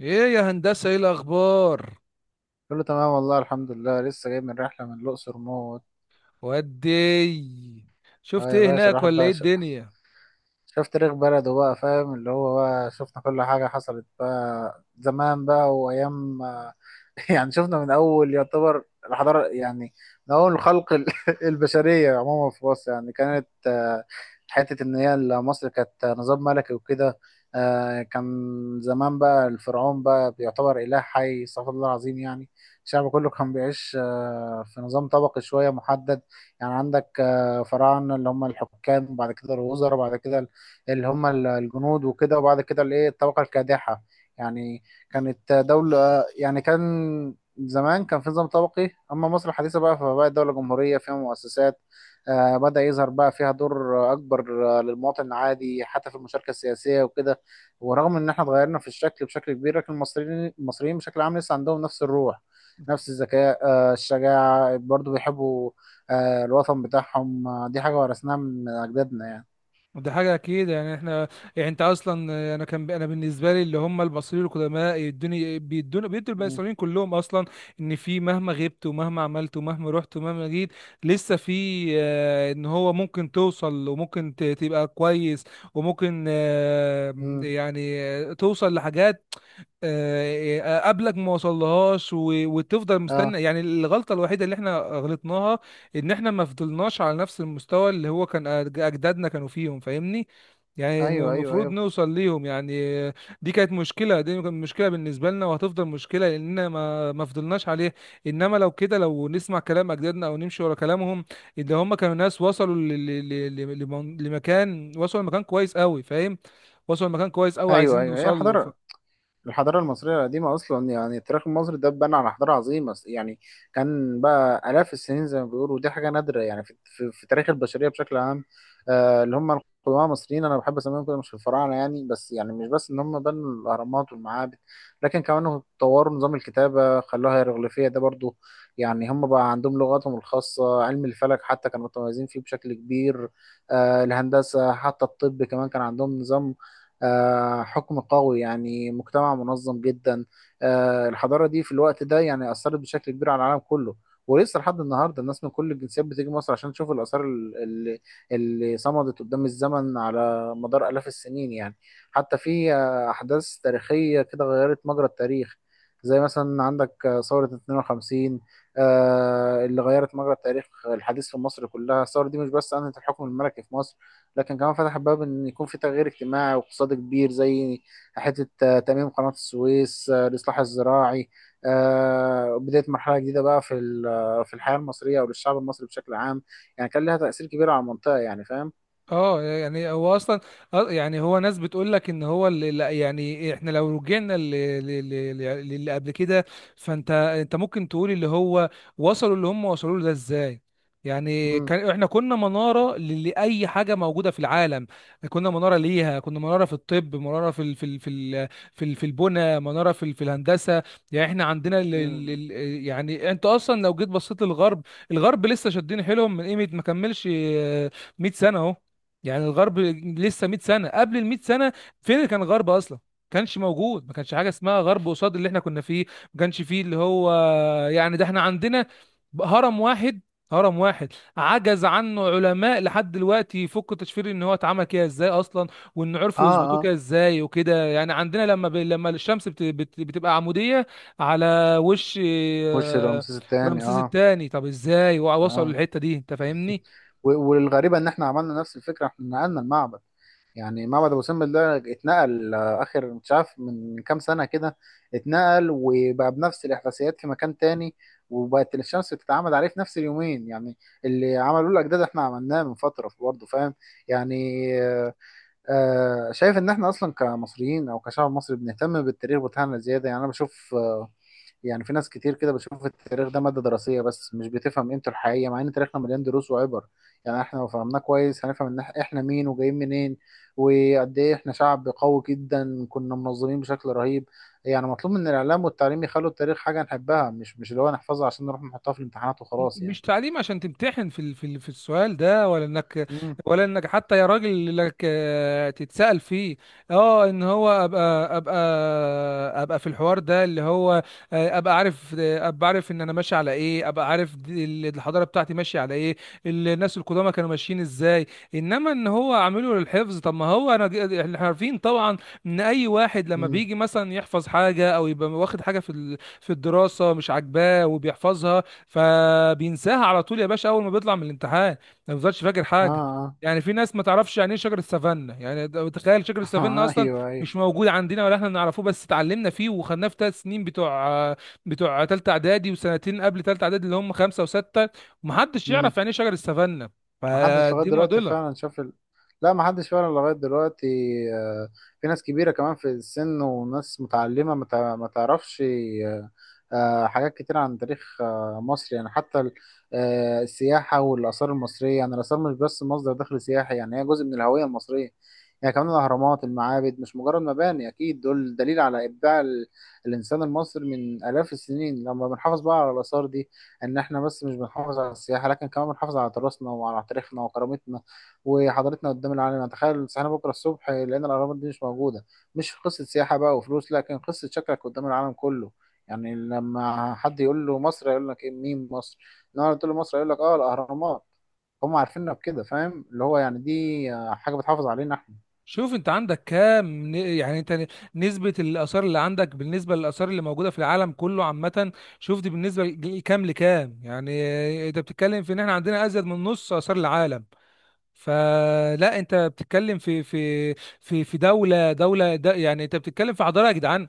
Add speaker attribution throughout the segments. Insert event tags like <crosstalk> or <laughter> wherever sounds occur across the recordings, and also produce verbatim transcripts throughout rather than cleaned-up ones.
Speaker 1: ايه يا هندسة؟ ايه الاخبار؟
Speaker 2: كله تمام والله الحمد لله لسه جاي من رحلة من الأقصر موت.
Speaker 1: ودي
Speaker 2: اه
Speaker 1: شفت
Speaker 2: يا
Speaker 1: ايه
Speaker 2: باشا
Speaker 1: هناك
Speaker 2: الواحد
Speaker 1: ولا ايه
Speaker 2: بقى
Speaker 1: الدنيا؟
Speaker 2: شفت تاريخ بلده بقى فاهم اللي هو بقى شفنا كل حاجة حصلت بقى زمان بقى وأيام آه، <laughs> يعني شفنا من أول يعتبر الحضارة يعني من أول خلق ال- <laughs> البشرية عموما في مصر يعني كانت آه، حتة إن هي ال- مصر كانت نظام ملكي وكده. آه، كان زمان بقى الفرعون بقى بيعتبر إله حي استغفر الله العظيم يعني الشعب كله كان بيعيش آه، في نظام طبقي شوية محدد. يعني عندك آه، فراعنة اللي هم الحكام وبعد كده الوزراء وبعد كده اللي هم ال- الجنود وكده وبعد كده الايه الطبقة الكادحة يعني. كانت دولة يعني كان زمان كان في نظام طبقي، أما مصر الحديثة بقى فبقت دولة جمهورية فيها مؤسسات. آه، بدأ يظهر بقى فيها دور أكبر آه، للمواطن العادي حتى في المشاركة السياسية وكده. ورغم إن إحنا اتغيرنا في الشكل بشكل كبير لكن المصريين المصريين بشكل عام لسه عندهم نفس الروح نفس الذكاء آه، الشجاعة برضو بيحبوا آه، الوطن بتاعهم. آه، دي حاجة ورثناها من أجدادنا يعني.
Speaker 1: ده حاجة اكيد. يعني احنا، يعني انت اصلا، انا كان انا بالنسبة لي اللي هم المصريين القدماء يدوني بيدوني بيدوا
Speaker 2: مم.
Speaker 1: المصريين كلهم اصلا ان في مهما غبت ومهما عملت ومهما رحت ومهما جيت لسه في آه، ان هو ممكن توصل وممكن ت- تبقى كويس، وممكن آه،
Speaker 2: مم.
Speaker 1: يعني آه، توصل لحاجات آه، قبلك ما وصلهاش و- وتفضل
Speaker 2: اه.
Speaker 1: مستني. يعني الغلطة الوحيدة اللي احنا غلطناها ان احنا ما فضلناش على نفس المستوى اللي هو كان أج- اجدادنا كانوا فيهم، فاهمني؟ يعني
Speaker 2: ايوه، ايوه،
Speaker 1: المفروض
Speaker 2: ايوه،
Speaker 1: نوصل ليهم يعني. آه، دي كانت مشكلة، دي كانت مشكلة بالنسبة لنا وهتفضل مشكلة لاننا ما ما فضلناش عليه. انما لو كده لو نسمع كلام اجدادنا او نمشي ورا كلامهم، اللي هم كانوا ناس وصلوا ل- ل- ل- ل- لمن- لمكان، وصلوا لمكان كويس قوي، فاهم؟ وصلوا لمكان كويس قوي
Speaker 2: ايوه، ايوه،
Speaker 1: عايزين
Speaker 2: ايوه، هي
Speaker 1: نوصل له.
Speaker 2: الحضاره الحضارة المصرية القديمة أصلا يعني التاريخ المصري ده اتبنى على حضارة عظيمة يعني. كان بقى آلاف السنين زي ما بيقولوا ودي حاجة نادرة يعني في, في, في تاريخ البشرية بشكل عام. آه اللي هم القدماء المصريين أنا بحب أسميهم كده مش الفراعنة يعني بس يعني مش بس إن هم بنوا الأهرامات والمعابد لكن كمان طوروا نظام الكتابة خلوها هيروغليفية ده برضو يعني هم بقى عندهم لغاتهم الخاصة علم الفلك حتى كانوا متميزين فيه بشكل كبير. آه الهندسة حتى الطب كمان كان عندهم نظام آه، حكم قوي يعني مجتمع منظم جدا. آه، الحضارة دي في الوقت ده يعني أثرت بشكل كبير على العالم كله. ولسه لحد النهارده الناس من كل الجنسيات بتيجي مصر عشان تشوف الآثار ال- ال- اللي صمدت قدام الزمن على مدار آلاف السنين يعني. حتى في آه، أحداث تاريخية كده غيرت مجرى التاريخ، زي مثلا عندك آه، ثورة اتنين وخمسين آه، اللي غيرت مجرى التاريخ الحديث في مصر كلها. الثورة دي مش بس أنهت الحكم الملكي في مصر لكن كمان فتح باب ان يكون في تغيير اجتماعي واقتصادي كبير زي حته آه، تاميم قناه السويس آه، الاصلاح الزراعي. آه، بدايه مرحله جديده بقى في ال- آه، في الحياه المصريه او للشعب المصري بشكل عام، يعني كان لها تاثير كبير على المنطقه يعني فاهم.
Speaker 1: اه يعني هو اصلا آه، يعني هو ناس بتقول لك ان هو اللي لا، يعني احنا لو رجعنا ل- ل- ل- ل- للي قبل كده، فانت انت ممكن تقول اللي هو وصلوا، اللي هم وصلوا له ده ازاي؟ يعني
Speaker 2: مم.
Speaker 1: كان احنا كنا منارة ل- لأي حاجة موجودة في العالم. كنا منارة ليها، كنا منارة في الطب، منارة في ال في ال في ال في, ال في البنى، منارة في ال في الهندسة. يعني احنا عندنا ال ال
Speaker 2: مم.
Speaker 1: ال يعني انت اصلا لو جيت بصيت للغرب، الغرب لسه شادين حيلهم من قيمة ما كملش آه، مية سنة اهو. يعني الغرب لسه مية سنه، قبل ال مية سنه فين اللي كان غرب اصلا؟ كانش موجود، ما كانش حاجه اسمها غرب قصاد اللي احنا كنا فيه. ما كانش فيه اللي هو، يعني ده احنا عندنا هرم واحد، هرم واحد عجز عنه علماء لحد دلوقتي يفكوا تشفير ان هو اتعمل كده ازاي اصلا، وان عرفوا
Speaker 2: اه
Speaker 1: يثبتوه كده
Speaker 2: اه
Speaker 1: ازاي وكده. يعني عندنا لما ب... لما الشمس بت... بت... بتبقى عموديه على وش
Speaker 2: وش
Speaker 1: آه،
Speaker 2: رمسيس الثاني
Speaker 1: رمسيس
Speaker 2: اه.
Speaker 1: الثاني، طب ازاي وصلوا
Speaker 2: اه،
Speaker 1: للحته دي؟ انت فاهمني؟
Speaker 2: و- والغريبه ان احنا عملنا نفس الفكره احنا نقلنا المعبد، يعني معبد ابو سمبل ده اتنقل آه، اخر مش عارف من كام سنه كده اتنقل وبقى بنفس الاحداثيات في مكان تاني وبقت الشمس بتتعمد عليه في نفس اليومين يعني. اللي عملوه الاجداد احنا عملناه من فتره برضه فاهم يعني. آه، شايف ان احنا اصلا كمصريين او كشعب مصري بنهتم بالتاريخ بتاعنا زياده يعني انا بشوف آه، يعني في ناس كتير كده بتشوف التاريخ ده ماده دراسيه بس مش بتفهم قيمته الحقيقيه مع ان تاريخنا مليان دروس وعبر يعني. احنا لو فهمناه كويس هنفهم ان إح- احنا مين وجايين منين وقد ايه احنا شعب قوي جدا كنا منظمين بشكل رهيب. يعني مطلوب من الاعلام والتعليم يخلوا التاريخ حاجه نحبها مش مش اللي هو نحفظها عشان نروح نحطها في الامتحانات وخلاص
Speaker 1: مش
Speaker 2: يعني.
Speaker 1: تعليم عشان تمتحن في ال- في ال- في السؤال ده، ولا انك،
Speaker 2: امم.
Speaker 1: ولا انك حتى يا راجل لك آه، تتسأل فيه. اه ان هو ابقى ابقى ابقى في الحوار ده اللي هو آه، ابقى عارف، آه، ابقى عارف ان انا ماشي على ايه، ابقى عارف دي- ال- الحضارة بتاعتي ماشية على ايه، الناس القدامى كانوا ماشيين ازاي. انما ان هو عامله للحفظ، طب ما هو انا ج- احنا عارفين طبعا ان اي واحد لما
Speaker 2: امم.
Speaker 1: بيجي مثلا يحفظ حاجة او يبقى واخد حاجة في ال- في الدراسة مش عاجباه وبيحفظها، فبينساها على طول يا باشا اول ما بيطلع من الامتحان، ما بيفضلش فاكر
Speaker 2: اه
Speaker 1: حاجه.
Speaker 2: اه.
Speaker 1: يعني في ناس ما تعرفش يعني ايه شجر السافانا، يعني ده- تخيل شجر
Speaker 2: <laughs>
Speaker 1: السافانا اصلا
Speaker 2: ايوه.
Speaker 1: مش موجود عندنا ولا احنا نعرفه، بس اتعلمنا فيه وخدناه في ثلاث سنين بتوع بتوع ثالثه اعدادي، وسنتين قبل ثالثه اعدادي اللي هم خمسه وسته، ومحدش
Speaker 2: ايوه
Speaker 1: يعرف يعني ايه شجر السافانا.
Speaker 2: محدش لغاية
Speaker 1: فدي
Speaker 2: دلوقتي
Speaker 1: معضله.
Speaker 2: فعلا شاف ال... لا محدش فعلا لغاية دلوقتي. آه، في ناس كبيرة كمان في السن وناس متعلمة ما تع- ما تعرفش آه، آه، حاجات كتير عن تاريخ آه، مصر يعني حتى ال- آه، السياحة والآثار المصرية يعني الآثار مش بس مصدر دخل سياحي يعني هي جزء من الهوية المصرية. يعني كمان الأهرامات المعابد مش مجرد مباني أكيد دول دليل على إبداع ال- الإنسان المصري من آلاف السنين. لما بنحافظ بقى على الآثار دي ان احنا بس مش بنحافظ على السياحه لكن كمان بنحافظ على تراثنا وعلى تاريخنا وكرامتنا وحضارتنا قدام العالم. يعني تخيل صحينا بكره الصبح لقينا الاهرامات دي مش موجوده، مش قصه سياحه بقى وفلوس لكن قصه شكلك قدام العالم كله. يعني لما حد يقول له مصر يقول لك ايه مين مصر. النهارده تقول له مصر يقول لك اه الاهرامات، هم عارفيننا بكده فاهم اللي هو يعني دي آه، حاجه بتحافظ علينا احنا.
Speaker 1: شوف انت عندك كام ن- يعني انت ن- نسبة الآثار اللي عندك بالنسبة للآثار اللي موجودة في العالم كله عامة؟ شوف دي بالنسبة لج- لكام لكام، يعني اه، انت بتتكلم في ان احنا عندنا ازيد من نص آثار العالم. فلا انت بتتكلم في في في في دولة، دولة د- يعني انت بتتكلم في حضارة يا جدعان.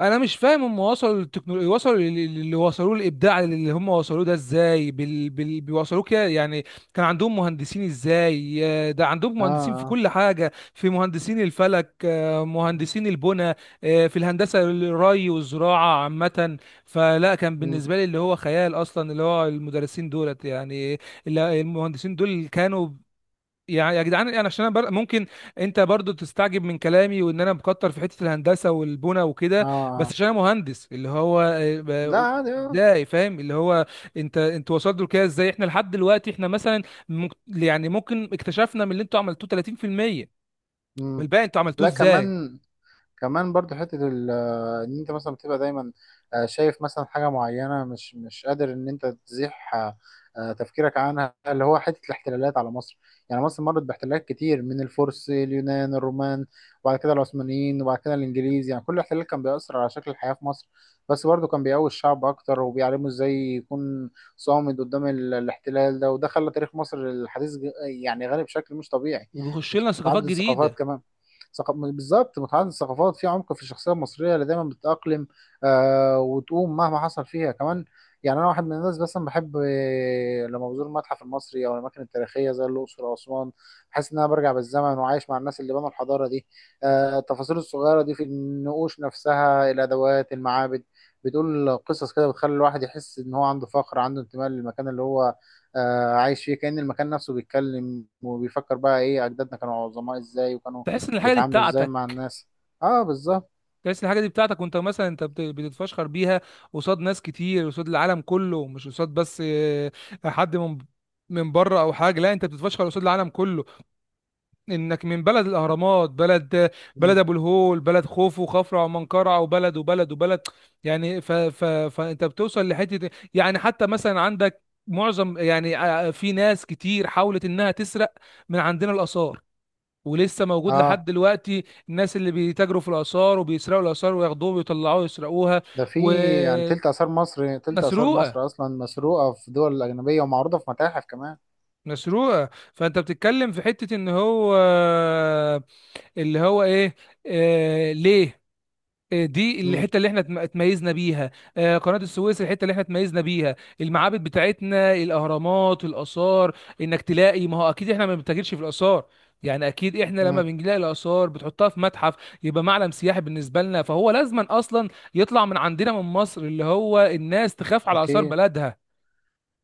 Speaker 1: انا مش فاهم هم وصلوا للتكنولوجيا، وصلوا لل- اللي وصلوه، الابداع اللي هم وصلوه ده ازاي بال... بال... بيوصلوه كده يعني؟ كان عندهم مهندسين ازاي؟ آه، ده عندهم
Speaker 2: اه
Speaker 1: مهندسين في
Speaker 2: اه.
Speaker 1: كل حاجه، في مهندسين الفلك، آه، مهندسين البنى، آه، في الهندسه الري والزراعه عامه. فلا كان
Speaker 2: مم.
Speaker 1: بالنسبه لي اللي هو خيال اصلا، اللي هو المدرسين دولت يعني، ال- المهندسين دول كانوا، يعني يا جدعان انا عشان انا بر... ممكن انت برضو تستعجب من كلامي وان انا مكتر في حته الهندسه والبنى
Speaker 2: اه.
Speaker 1: وكده، بس
Speaker 2: آه.
Speaker 1: عشان انا مهندس اللي هو آه،
Speaker 2: لا
Speaker 1: ب-
Speaker 2: عادي اه.
Speaker 1: ازاي، فاهم اللي هو انت انتوا وصلتوا لكده ازاي؟ احنا لحد دلوقتي احنا مثلا مك... يعني ممكن اكتشفنا من اللي انتوا عملتوه تلاتين في المية،
Speaker 2: مم.
Speaker 1: والباقي انتوا عملتوه
Speaker 2: لا
Speaker 1: ازاي؟
Speaker 2: كمان. كمان برضو حتة ال- آه، ان انت مثلا بتبقى دايما آه، شايف مثلا حاجة معينة مش مش قادر ان انت تزيح آه، آه، تفكيرك عنها اللي هو حتة الاحتلالات على مصر. يعني مصر مرت باحتلالات كتير من الفرس اليونان الرومان وبعد كده العثمانيين وبعد كده الانجليز. يعني كل احتلال كان بيأثر على شكل الحياة في مصر بس برضو كان بيقوي الشعب اكتر وبيعلمه ازاي يكون صامد قدام ال- الاحتلال ده، وده خلى تاريخ مصر الحديث ج- يعني غني بشكل مش طبيعي.
Speaker 1: وبيخش لنا ثقافات
Speaker 2: وتعدد الثقافات
Speaker 1: جديده.
Speaker 2: كمان. ثق- بالظبط متعدد الثقافات في عمق في الشخصيه المصريه اللي دايما بتتاقلم آه وتقوم مهما حصل فيها كمان. يعني انا واحد من الناس مثلا بحب آه، لما بزور المتحف المصري او الاماكن التاريخيه زي الاقصر واسوان بحس ان انا برجع بالزمن وعايش مع الناس اللي بنوا الحضاره دي. آه التفاصيل الصغيره دي في النقوش نفسها الادوات المعابد بتقول قصص كده بتخلي الواحد يحس ان هو عنده فخر عنده انتماء للمكان اللي هو آه، عايش فيه كأن المكان نفسه بيتكلم وبيفكر بقى ايه اجدادنا كانوا عظماء ازاي وكانوا
Speaker 1: تحس ان الحاجه دي
Speaker 2: بيتعاملوا ازاي مع
Speaker 1: بتاعتك،
Speaker 2: الناس. اه بالظبط.
Speaker 1: تحس الحاجه دي بتاعتك وانت مثلا انت بت- بتتفشخر بيها قصاد ناس كتير، قصاد العالم كله، مش قصاد بس آه، حد من من بره او حاجه، لا انت بتتفشخر قصاد العالم كله انك من بلد الاهرامات، بلد، بلد
Speaker 2: مم.
Speaker 1: ابو الهول، بلد خوفو وخفرع ومنقرع، وبلد وبلد وبلد. يعني ف ف فانت بتوصل لحته يعني، حتى مثلا عندك معظم يعني آه، في ناس كتير حاولت انها تسرق من عندنا الاثار، ولسه موجود لحد
Speaker 2: اه.
Speaker 1: دلوقتي الناس اللي بيتاجروا في الآثار وبيسرقوا الآثار وياخدوها ويطلعوها ويسرقوها.
Speaker 2: ده في يعني
Speaker 1: ومسروقة،
Speaker 2: تلت آثار مصر، تلت آثار مصر أصلا مسروقة في دول أجنبية ومعروضة في متاحف كمان.
Speaker 1: مسروقة. فأنت بتتكلم في حتة إن هو اللي هو إيه، آه... ليه؟ آه، دي
Speaker 2: مم.
Speaker 1: الحته اللي احنا اتم- اتميزنا بيها، آه، قناه السويس الحته اللي احنا اتميزنا بيها، المعابد بتاعتنا، الاهرامات، الاثار. انك تلاقي، ما هو اكيد احنا ما بنتاجرش في الاثار، يعني اكيد احنا لما
Speaker 2: مم.
Speaker 1: بنلاقي الاثار بتحطها في متحف، يبقى معلم سياحي بالنسبه لنا. فهو لازما اصلا يطلع من عندنا، من مصر، اللي هو الناس تخاف على اثار
Speaker 2: أكيد.
Speaker 1: بلدها،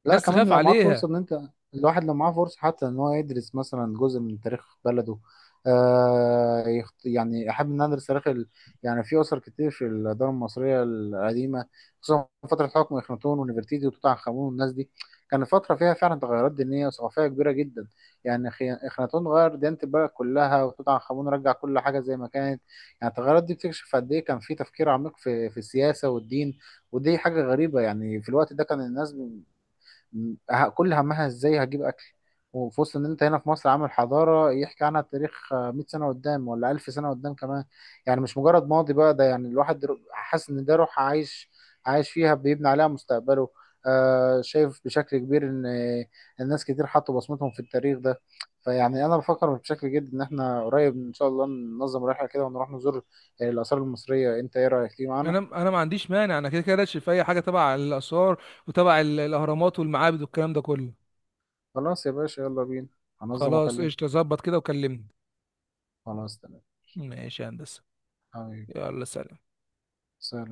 Speaker 2: لا
Speaker 1: الناس
Speaker 2: كمان
Speaker 1: تخاف
Speaker 2: لو معاك
Speaker 1: عليها.
Speaker 2: فرصة ان انت، الواحد لو معاه فرصة حتى ان هو يدرس مثلا جزء من تاريخ بلده آه يخت... يعني احب ان أنا ادرس تاريخ ال... يعني في اسر كتير في الدولة المصرية القديمة خصوصا في فترة حكم اخناتون ونفرتيتي وتوت عنخ امون والناس دي. كانت فترة فيها فعلا تغيرات دينية وثقافية كبيرة جدا. يعني خي... اخناتون غير ديانة البلد كلها وتوت عنخ امون رجع كل حاجة زي ما كانت. يعني التغيرات دي بتكشف قد ايه كان في تفكير عميق في في السياسة والدين. ودي حاجة غريبة يعني في الوقت ده كان الناس م- ه- كل همها ازاي هجيب اكل. وفي وسط ان انت هنا في مصر عامل حضاره يحكي عنها التاريخ آه، مائة سنه قدام ولا ألف سنه قدام كمان. يعني مش مجرد ماضي بقى ده يعني الواحد در- حاسس ان ده روح عايش عايش فيها بيبني عليها مستقبله. آه شايف بشكل كبير ان آه، الناس كتير حطوا بصمتهم في التاريخ ده. فيعني انا بفكر بشكل جد ان احنا قريب ان شاء الله ننظم رحله كده ونروح نزور آه، الاثار المصريه. انت ايه رايك تيجي معانا؟
Speaker 1: انا انا ما عنديش مانع، انا كده كده راشد في اي حاجه تبع الاثار وتبع ال- الاهرامات والمعابد والكلام ده كله.
Speaker 2: خلاص يا باشا يلا بينا. هنظم
Speaker 1: خلاص
Speaker 2: واكلمك.
Speaker 1: قشطه، ظبط كده وكلمني.
Speaker 2: خلاص تمام
Speaker 1: ماشي يا هندسة،
Speaker 2: حبيبي.
Speaker 1: يلا سلام.
Speaker 2: سلام.